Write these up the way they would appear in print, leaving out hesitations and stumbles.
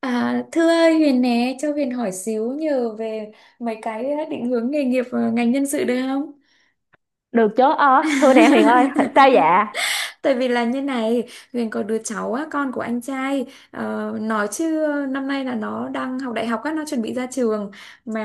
À, thưa ơi, Huyền nè, cho Huyền hỏi xíu nhờ về mấy cái định hướng nghề nghiệp và ngành nhân sự được không? Được chứ. Ờ Thưa nè Huyền ơi, sao dạ? Tại vì là như này, Huyền có đứa cháu á, con của anh trai, nói chứ năm nay là nó đang học đại học á, nó chuẩn bị ra trường mà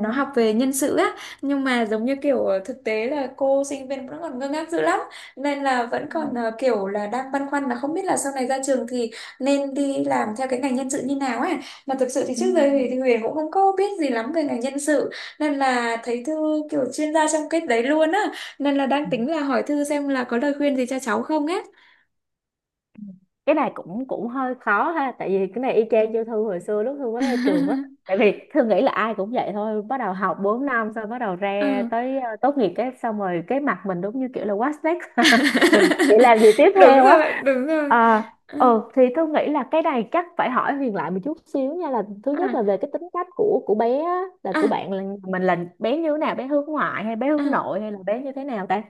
nó học về nhân sự á, nhưng mà giống như kiểu thực tế là cô sinh viên vẫn còn ngơ ngác dữ lắm, nên là vẫn còn kiểu là đang băn khoăn là không biết là sau này ra trường thì nên đi làm theo cái ngành nhân sự như nào á. Mà thực sự thì Ừ. trước giờ thì Huyền cũng không có biết gì lắm về ngành nhân sự, nên là thấy Thư kiểu chuyên gia trong cái đấy luôn á, nên là đang Ừ. tính là hỏi thư xem là có lời khuyên gì cho cháu không á. Cái này cũng cũng hơi khó ha, tại vì cái này y chang Ừ. như Thư hồi xưa lúc Thư mới ra trường á. Tại vì Thư nghĩ là ai cũng vậy thôi, bắt đầu học 4 năm xong bắt đầu ra Ừ. tới tốt nghiệp, cái xong rồi cái mặt mình đúng như kiểu là what's next mình chỉ làm gì tiếp Đúng theo rồi, á. đúng rồi. À, Ừ. ừ thì tôi nghĩ là cái này chắc phải hỏi Huyền lại một chút xíu nha, là thứ nhất là về À, cái tính cách của bé á, là của à, bạn, là mình, là bé như thế nào, bé hướng ngoại hay bé hướng à. nội hay là bé như thế nào ta?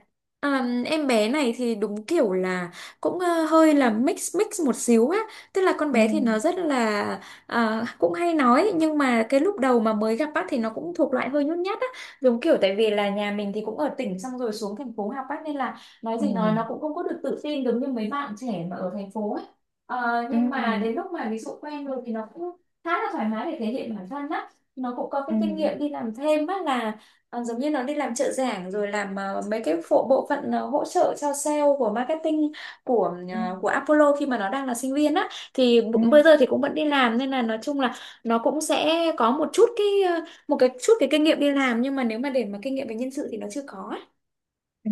À, em bé này thì đúng kiểu là cũng hơi là mix mix một xíu á, tức là con Ừ, bé thì nó rất là cũng hay nói, nhưng mà cái lúc đầu mà mới gặp bác thì nó cũng thuộc loại hơi nhút nhát á, giống kiểu tại vì là nhà mình thì cũng ở tỉnh xong rồi xuống thành phố học bác, nên là nói ừ, gì nói nó cũng không có được tự tin giống như mấy bạn trẻ mà ở thành phố ấy. Ừ, Nhưng mà đến lúc mà ví dụ quen rồi thì nó cũng khá là thoải mái để thể hiện bản thân á. Nó cũng có cái ừ, kinh nghiệm đi làm thêm á, là giống như nó đi làm trợ giảng rồi làm mấy cái phụ bộ phận hỗ trợ cho sale của marketing của ừ, của Apollo khi mà nó đang là sinh viên á, thì bây giờ ừ. thì cũng vẫn đi làm, nên là nói chung là nó cũng sẽ có một chút cái ờ, một chút cái kinh nghiệm đi làm, nhưng mà nếu mà để mà kinh nghiệm về nhân sự thì nó chưa có á. Ừ.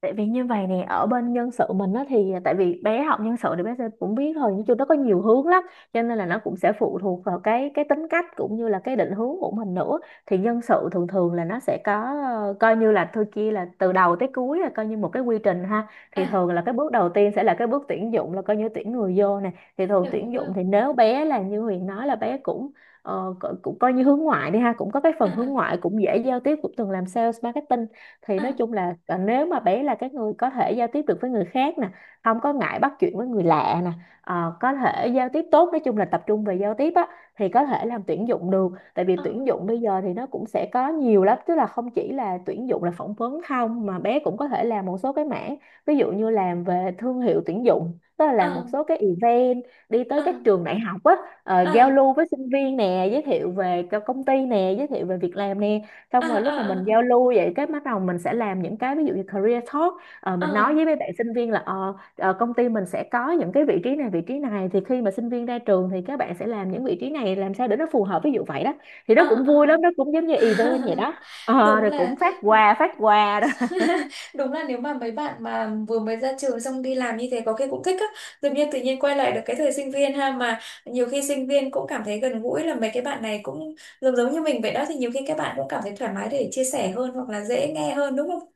Tại vì như vậy nè, ở bên nhân sự mình á thì tại vì bé học nhân sự thì bé sẽ cũng biết thôi, nhưng chung nó có nhiều hướng lắm. Cho nên là nó cũng sẽ phụ thuộc vào cái tính cách cũng như là cái định hướng của mình nữa. Thì nhân sự thường thường là nó sẽ có coi như là thôi kia là từ đầu tới cuối là coi như một cái quy trình ha. Thì À, thường là cái bước đầu tiên sẽ là cái bước tuyển dụng, là coi như tuyển người vô nè. Thì thường đúng tuyển rồi. dụng thì nếu bé là như Huyền nói là bé cũng, cũng coi như hướng ngoại đi ha, cũng có cái À, phần hướng à, ngoại, cũng dễ giao tiếp, cũng từng làm sales marketing. Thì nói à, chung là nếu mà bé là cái người có thể giao tiếp được với người khác nè, không có ngại bắt chuyện với người lạ nè, có thể giao tiếp tốt, nói chung là tập trung về giao tiếp á. Thì có thể làm tuyển dụng được, tại vì tuyển dụng bây giờ thì nó cũng sẽ có nhiều lắm, tức là không chỉ là tuyển dụng là phỏng vấn không mà bé cũng có thể làm một số cái mảng, ví dụ như làm về thương hiệu tuyển dụng, tức là làm một à, số cái event, đi à, tới các à, trường đại học á, giao lưu với sinh viên nè, giới thiệu về cho công ty nè, giới thiệu về việc làm nè. à, Xong rồi à, lúc mà mình à, giao à, lưu vậy cái bắt đầu mình sẽ làm những cái ví dụ như career talk. Mình nói với mấy bạn sinh viên là, công ty mình sẽ có những cái vị trí này, vị trí này, thì khi mà sinh viên ra trường thì các bạn sẽ làm những vị trí này, làm sao để nó phù hợp, ví dụ vậy đó. Thì nó à, cũng à, à, vui à. lắm, nó cũng giống như event vậy đó. Ờ, Đúng rồi cũng là. phát quà phát quà. Đúng là nếu mà mấy bạn mà vừa mới ra trường xong đi làm như thế có khi cũng thích á, tự nhiên quay lại được cái thời sinh viên ha, mà nhiều khi sinh viên cũng cảm thấy gần gũi là mấy cái bạn này cũng giống giống như mình vậy đó, thì nhiều khi các bạn cũng cảm thấy thoải mái để chia sẻ hơn, hoặc là dễ nghe hơn đúng không?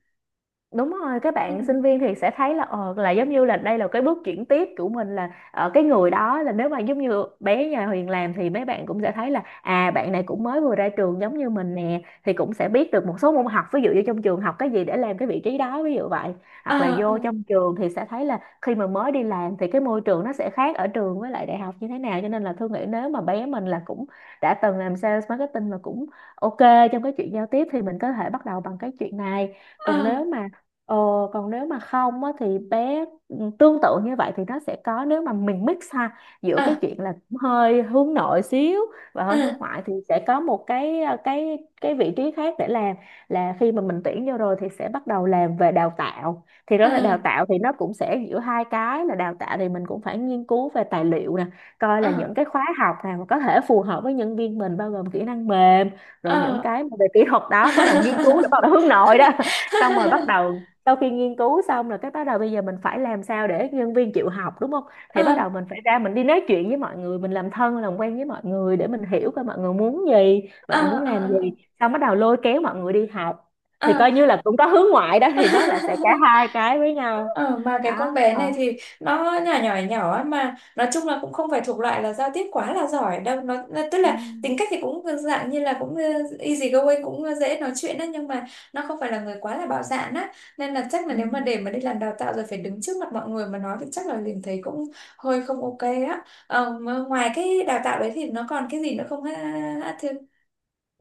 Đúng rồi, các Ừ. bạn sinh viên thì sẽ thấy là là giống như là đây là cái bước chuyển tiếp của mình, là ở cái người đó, là nếu mà giống như bé nhà Huyền làm thì mấy bạn cũng sẽ thấy là à, bạn này cũng mới vừa ra trường giống như mình nè, thì cũng sẽ biết được một số môn học, ví dụ như trong trường học cái gì để làm cái vị trí đó, ví dụ vậy. Hoặc là À, vô trong trường thì sẽ thấy là khi mà mới đi làm thì cái môi trường nó sẽ khác ở trường với lại đại học như thế nào. Cho nên là Thương nghĩ nếu mà bé mình là cũng đã từng làm sales marketing và cũng ok trong cái chuyện giao tiếp thì mình có thể bắt đầu bằng cái chuyện này. còn nếu à, mà Ờ, Còn nếu mà không á, thì bé tương tự như vậy thì nó sẽ có, nếu mà mình mix ha giữa à, cái à, chuyện là cũng hơi hướng nội xíu và hơi hướng ngoại thì sẽ có một cái cái vị trí khác để làm. Là khi mà mình tuyển vô rồi thì sẽ bắt đầu làm về đào tạo, thì đó là đào à, tạo, thì nó cũng sẽ giữa hai cái, là đào tạo thì mình cũng phải nghiên cứu về tài liệu nè, coi là những cái khóa học nào mà có thể phù hợp với nhân viên mình, bao gồm kỹ năng mềm, à, rồi à, những à. cái mà về kỹ thuật đó, bắt đầu nghiên cứu là bắt đầu hướng nội đó xong rồi bắt đầu sau khi nghiên cứu xong rồi cái bắt đầu bây giờ mình phải làm sao để nhân viên chịu học, đúng không? Thì bắt À, đầu mình phải ra, mình đi nói chuyện với mọi người, mình làm thân làm quen với mọi người để mình hiểu coi mọi người muốn gì, à, mọi người muốn làm gì, à, xong bắt đầu lôi kéo mọi người đi học. à, Thì à. coi như là cũng có hướng ngoại đó, thì nó là sẽ cả hai cái với nhau Ờ, mà cái đó. con bé Ờ này thì nó nhỏ nhỏ nhỏ á, mà nói chung là cũng không phải thuộc loại là giao tiếp quá là giỏi đâu. Tức ừ. là tính cách thì cũng dạng như là cũng easy going, cũng dễ nói chuyện á, nhưng mà nó không phải là người quá là bạo dạn á, nên là chắc là Ừ. nếu mà để mà đi làm đào tạo rồi phải đứng trước mặt mọi người mà nói thì chắc là liền thấy cũng hơi không ok á. Ờ, mà ngoài cái đào tạo đấy thì nó còn cái gì nữa không ha? Ha, Thư?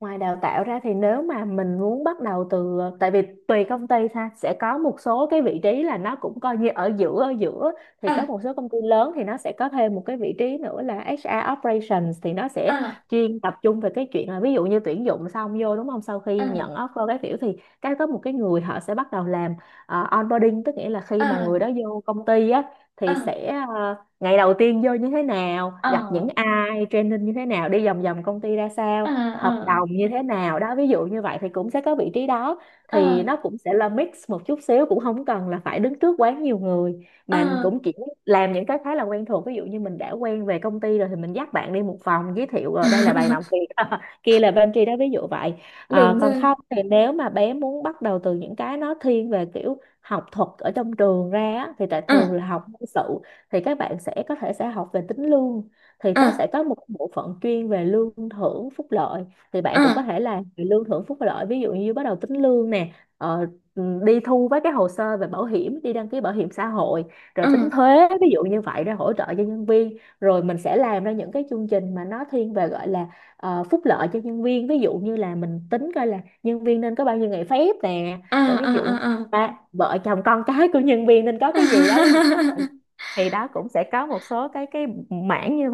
Ngoài đào tạo ra thì nếu mà mình muốn bắt đầu từ tại vì tùy công ty ha, sẽ có một số cái vị trí là nó cũng coi như ở giữa, ở giữa. Thì có À, một số công ty lớn thì nó sẽ có thêm một cái vị trí nữa là HR operations, thì nó sẽ à, chuyên tập trung về cái chuyện là, ví dụ như tuyển dụng xong vô, đúng không, sau khi nhận à, offer cái kiểu, thì cái có một cái người họ sẽ bắt đầu làm onboarding, tức nghĩa là khi mà à, người đó vô công ty á, thì à, sẽ ngày đầu tiên vô như thế nào, gặp những à, ai, training như thế nào, đi vòng vòng công ty ra sao, hợp à, đồng như thế nào đó, ví dụ như vậy, thì cũng sẽ có vị trí đó. Thì à, nó cũng sẽ là mix một chút xíu, cũng không cần là phải đứng trước quá nhiều người, mà à, cũng chỉ làm những cái khá là quen thuộc, ví dụ như mình đã quen về công ty rồi thì mình dắt bạn đi một phòng, giới thiệu à. ở đây là bàn làm việc, kia là pantry đó, ví dụ vậy. Ờ, Đúng còn rồi. không thì nếu mà bé muốn bắt đầu từ những cái nó thiên về kiểu học thuật ở trong trường ra á, thì tại thường À, là học quân sự, thì các bạn sẽ có thể sẽ học về tính lương, thì nó à, sẽ có một bộ phận chuyên về lương thưởng phúc lợi. Thì à, bạn cũng có à, thể là lương thưởng phúc lợi, ví dụ như bắt đầu tính lương nè, ờ, đi thu với cái hồ sơ về bảo hiểm, đi đăng ký bảo hiểm xã hội, rồi tính thuế ví dụ như vậy để hỗ trợ cho nhân viên, rồi mình sẽ làm ra những cái chương trình mà nó thiên về gọi là phúc lợi cho nhân viên, ví dụ như là mình tính coi là nhân viên nên có bao nhiêu ngày phép nè, à, rồi ví dụ à, à, ba vợ chồng con cái của nhân viên nên có à. cái gì đó, ví dụ, thì đó cũng sẽ có một số cái mảng như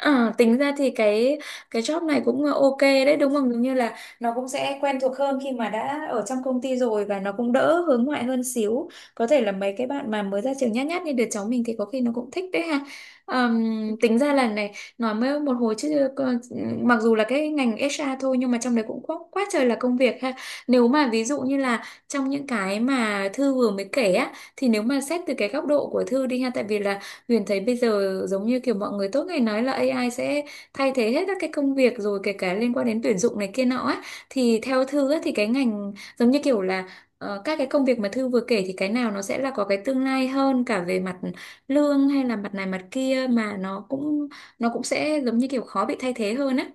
À, tính ra thì cái job này cũng ok đấy đúng không? Giống như là nó cũng sẽ quen thuộc hơn khi mà đã ở trong công ty rồi, và nó cũng đỡ hướng ngoại hơn xíu. Có thể là mấy cái bạn mà mới ra trường nhát nhát như đứa cháu mình thì có khi nó cũng thích đấy ha. Vậy. Tính ra là này, nói mới một hồi chứ mặc dù là cái ngành HR thôi, nhưng mà trong đấy cũng quá, quá trời là công việc ha. Nếu mà ví dụ như là trong những cái mà Thư vừa mới kể á, thì nếu mà xét từ cái góc độ của Thư đi ha, tại vì là Huyền thấy bây giờ giống như kiểu mọi người tốt ngày nói là AI sẽ thay thế hết các cái công việc rồi, kể cả liên quan đến tuyển dụng này kia nọ á, thì theo Thư á, thì cái ngành giống như kiểu là các cái công việc mà Thư vừa kể thì cái nào nó sẽ là có cái tương lai hơn cả về mặt lương, hay là mặt này mặt kia, mà nó cũng sẽ giống như kiểu khó bị thay thế hơn á.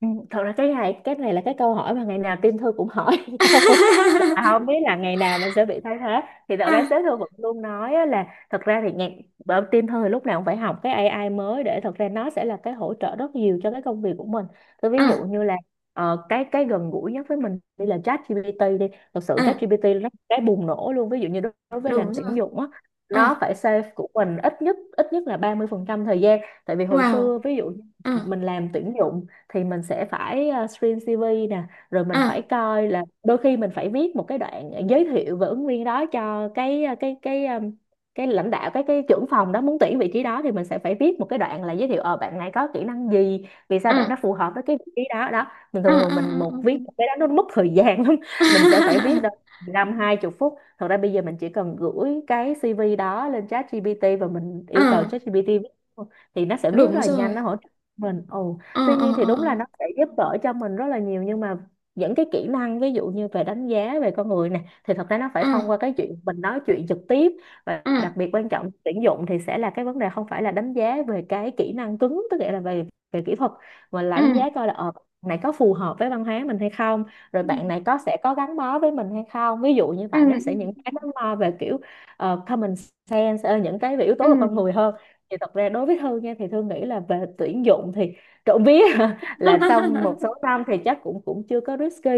Ừ, thật ra cái này là cái câu hỏi mà ngày nào team thư cũng hỏi nhau. Và không biết là ngày nào mình sẽ bị thay thế. Thì thật ra À, sếp thư vẫn luôn nói á là thật ra thì ngày, bởi team thư thì lúc nào cũng phải học cái AI mới, để thật ra nó sẽ là cái hỗ trợ rất nhiều cho cái công việc của mình. Tôi ví dụ à, như là cái gần gũi nhất với mình đi là ChatGPT đi. Thật sự à, ChatGPT nó cái bùng nổ luôn, ví dụ như đối đối với làm đúng rồi. tuyển dụng á, nó À, phải save của mình ít nhất là 30% thời gian. Tại vì hồi xưa wow. ví dụ À, mình làm tuyển dụng thì mình sẽ phải screen CV nè, rồi mình phải à, coi là đôi khi mình phải viết một cái đoạn giới thiệu về ứng viên đó cho cái cái lãnh đạo, cái trưởng phòng đó muốn tuyển vị trí đó, thì mình sẽ phải viết một cái đoạn là giới thiệu bạn này có kỹ năng gì, vì sao bạn đó à, phù hợp với cái vị trí đó đó. Mình à, à, thường thường mình à, một à. À. viết một cái đó nó mất thời gian lắm. Mình sẽ phải viết đâu 15, 20 phút. Thật ra bây giờ mình chỉ cần gửi cái CV đó lên chat ChatGPT, và mình Ờ, yêu cầu chat ChatGPT viết luôn, thì nó sẽ viết rất đúng là nhanh rồi. nó hỗ trợ mình. Ồ, Ờ, tuy ờ, nhiên thì ờ, đúng là ờ, nó sẽ giúp đỡ cho mình rất là nhiều, nhưng mà những cái kỹ năng ví dụ như về đánh giá về con người này thì thật ra nó phải ờ, thông qua cái chuyện mình nói chuyện trực tiếp. Và ờ. đặc biệt quan trọng tuyển dụng thì sẽ là cái vấn đề không phải là đánh giá về cái kỹ năng cứng, tức nghĩa là về về kỹ thuật, mà là Ừ, đánh giá coi là bạn này có phù hợp với văn hóa mình hay không, rồi bạn này có sẽ có gắn bó với mình hay không, ví dụ như ừ, vậy. Nó sẽ ừ, những cái nó lo về kiểu common sense, những cái về yếu ừ, tố về con người hơn. Thì thật ra đối với Thương nha, thì Thương nghĩ là về tuyển dụng thì trộm vía ừ. là xong một số năm thì chắc cũng cũng chưa có risky.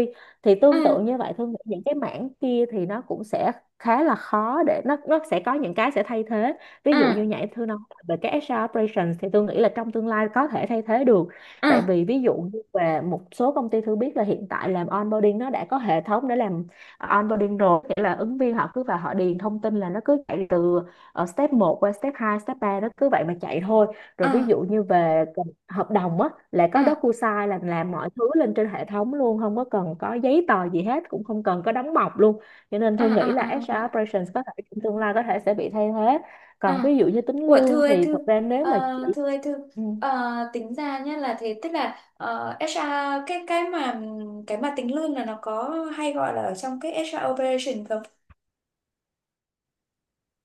Thì Ờ, tương tự như vậy, Thương nghĩ những cái mảng kia thì nó cũng sẽ khá là khó để nó sẽ có những cái sẽ thay thế. Ví ờ, dụ như nhảy thư nói về cái HR operations thì tôi nghĩ là trong tương lai có thể thay thế được. ờ, Tại vì ví dụ như về một số công ty, thư biết là hiện tại làm onboarding nó đã có hệ thống để làm onboarding rồi, nghĩa là ứng viên họ cứ vào họ điền thông tin là nó cứ chạy từ step một qua step 2 step ba, nó cứ vậy mà chạy thôi. Rồi ờ, ví dụ như về hợp đồng á, là có ờ, DocuSign là làm mọi thứ lên trên hệ thống luôn, không có cần có giấy tờ gì hết, cũng không cần có đóng mộc luôn. Cho nên ờ, Thương ờ, nghĩ là ờ, ờ, ờ, HR operations có thể trong tương lai có thể sẽ bị thay thế. ờ. Còn ví dụ như tính Của thư lương ơi thì thư. thật ra nếu ờ, mà chỉ Thư ơi thư. ừ. Tính ra nhé là thế, tức là HR, cái cái mà cái mà tính lương là nó có hay gọi là ở trong cái HR operation không?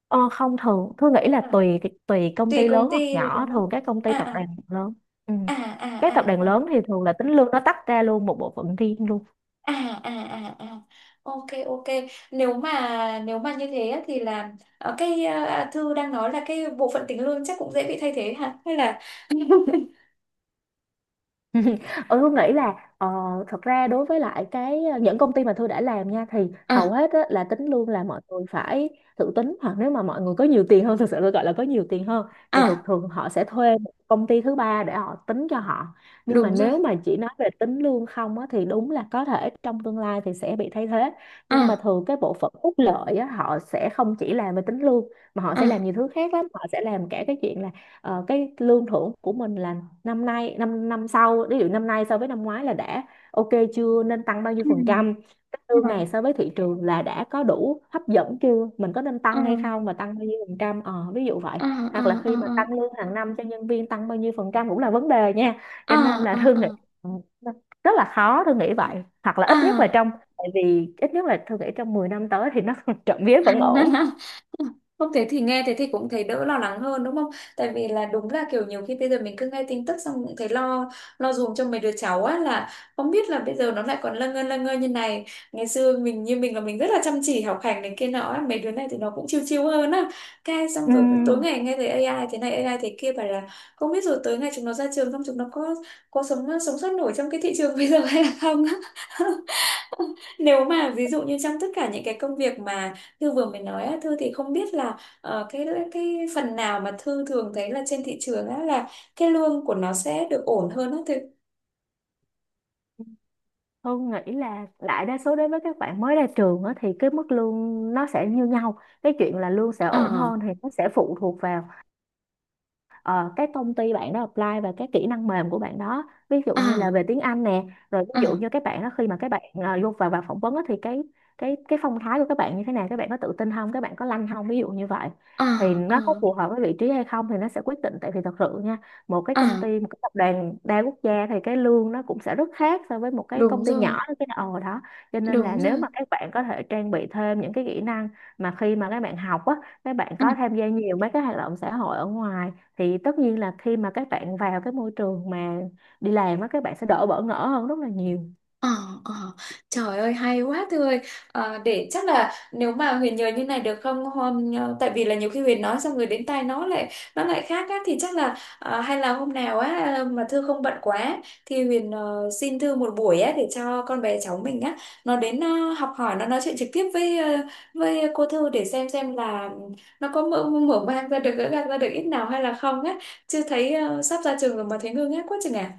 Ờ, không, thường Thương nghĩ là À, tùy tùy công tùy ty công lớn hoặc ty rồi nhỏ. đúng Thường không. các công ty À, tập à, đoàn lớn, ừ, à, à, các à, tập đoàn à, lớn thì thường là tính lương nó tách ra luôn một bộ phận riêng luôn. à, à, à, à. Ok, ok, nếu mà như thế á, thì là thư đang nói là cái bộ phận tính lương chắc cũng dễ bị thay thế hả, hay là Ừ, Hương nghĩ là thật ra đối với lại cái những công ty mà tôi đã làm nha, thì hầu à, hết á, là tính luôn là mọi người phải tự tính, hoặc nếu mà mọi người có nhiều tiền hơn thực sự, tôi gọi là có nhiều tiền hơn, thì thường à, thường họ sẽ thuê một công ty thứ ba để họ tính cho họ. Nhưng mà đúng rồi. nếu mà chỉ nói về tính lương không á, thì đúng là có thể trong tương lai thì sẽ bị thay thế. Nhưng mà À, thường cái bộ phận phúc lợi á, họ sẽ không chỉ làm về tính lương, mà họ sẽ làm à. nhiều thứ khác lắm. Họ sẽ làm cả cái chuyện là cái lương thưởng của mình là năm nay, năm năm sau, ví dụ năm nay so với năm ngoái là đã ok chưa, nên tăng bao nhiêu phần Ừ, trăm, cái ừ, lương ừ, này so với thị trường là đã có đủ hấp dẫn chưa, mình có nên tăng hay ừ, không, và tăng bao nhiêu phần trăm, ví dụ vậy. ừ, Hoặc là ừ, khi mà ừ, tăng lương hàng năm cho nhân viên, tăng bao nhiêu phần trăm cũng là vấn đề nha. ừ, Cho nên là ừ, Thư nghĩ, ừ, ừ, rất là khó, Thư nghĩ vậy. Hoặc là ừ. ít nhất là trong, tại vì ít nhất là Thư nghĩ trong 10 năm tới thì nó trộm vía vẫn ổn. Không, thế thì nghe thế thì cũng thấy đỡ lo lắng hơn đúng không? Tại vì là đúng là kiểu nhiều khi bây giờ mình cứ nghe tin tức xong cũng thấy lo, lo dùm cho mấy đứa cháu á, là không biết là bây giờ nó lại còn lâng ngơ như này. Ngày xưa mình như mình là mình rất là chăm chỉ học hành này kia nọ á, mấy đứa này thì nó cũng chill chill hơn á. Cái xong Ừ, rồi cứ tối ngày nghe thấy AI thế này, AI thế kia, bảo là không biết rồi tới ngày chúng nó ra trường không, chúng nó có sống sống sót nổi trong cái thị trường bây giờ hay là không á. Nếu mà ví dụ như trong tất cả những cái công việc mà Thư vừa mới nói á, Thư thì không biết là cái phần nào mà Thư thường thấy là trên thị trường á, là cái lương của nó sẽ được ổn hơn á Thư. Hương nghĩ là đại đa số đối với các bạn mới ra trường á, thì cái mức lương nó sẽ như nhau. Cái chuyện là lương sẽ Ờ, ổn hơn thì nó sẽ phụ thuộc vào ờ, cái công ty bạn đó apply và cái kỹ năng mềm của bạn đó, ví dụ ờ, như là về tiếng Anh nè, rồi ờ, ví dụ như các bạn đó khi mà các bạn vô vào vào phỏng vấn á, thì cái cái phong thái của các bạn như thế nào, các bạn có tự tin không, các bạn có lanh không, ví dụ như vậy, ờ, thì ờ, nó có phù hợp với vị trí hay không thì nó sẽ quyết định. Tại vì thật sự nha, một cái ờ. công ty, một cái tập đoàn đa quốc gia thì cái lương nó cũng sẽ rất khác so với một cái Đúng công ty rồi, nhỏ đó, cái ồ đó. Cho nên là đúng nếu rồi. mà các bạn có thể trang bị thêm những cái kỹ năng mà khi mà các bạn học á, các bạn có tham gia nhiều mấy cái hoạt động xã hội ở ngoài, thì tất nhiên là khi mà các bạn vào cái môi trường mà đi làm á, các bạn sẽ đỡ bỡ ngỡ hơn rất là nhiều. Ờ, ờ. Trời ơi hay quá Thư ơi. Để chắc là nếu mà Huyền nhờ như này được không, hôm tại vì là nhiều khi Huyền nói xong rồi đến tai nó lại khác á, thì chắc là hay là hôm nào á, mà Thư không bận quá thì Huyền xin Thư một buổi á để cho con bé cháu mình á nó đến học hỏi, nó nói chuyện trực tiếp với với cô Thư, để xem là nó có mở mở mang ra được, gỡ gạc ra được ít nào hay là không á, chưa thấy sắp ra trường rồi mà thấy ngơ ngác quá chừng à.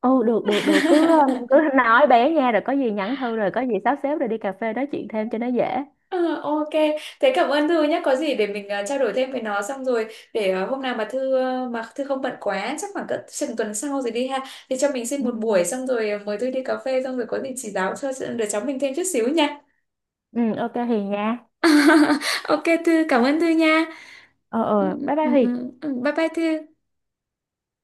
Ừ, được được được, cứ cứ nói bé nha, rồi có gì nhắn thư, rồi có gì sắp xếp rồi đi cà phê nói chuyện thêm cho nó dễ. Ờ, ok, thế cảm ơn Thư nhé. Có gì để mình trao đổi thêm với nó xong rồi, để hôm nào mà Thư không bận quá, chắc khoảng cỡ chừng tuần sau rồi đi ha. Thì cho mình xin Ừ. một buổi xong rồi mời Thư đi cà phê, xong rồi có gì chỉ giáo cho đứa cháu mình thêm chút xíu nha. Ừ, ok Hiền nha. Ok Thư, cảm ơn Thư nha. Ờ, Ừ, ờ, bye bye ừ, Hiền. ừ. Bye bye Thư.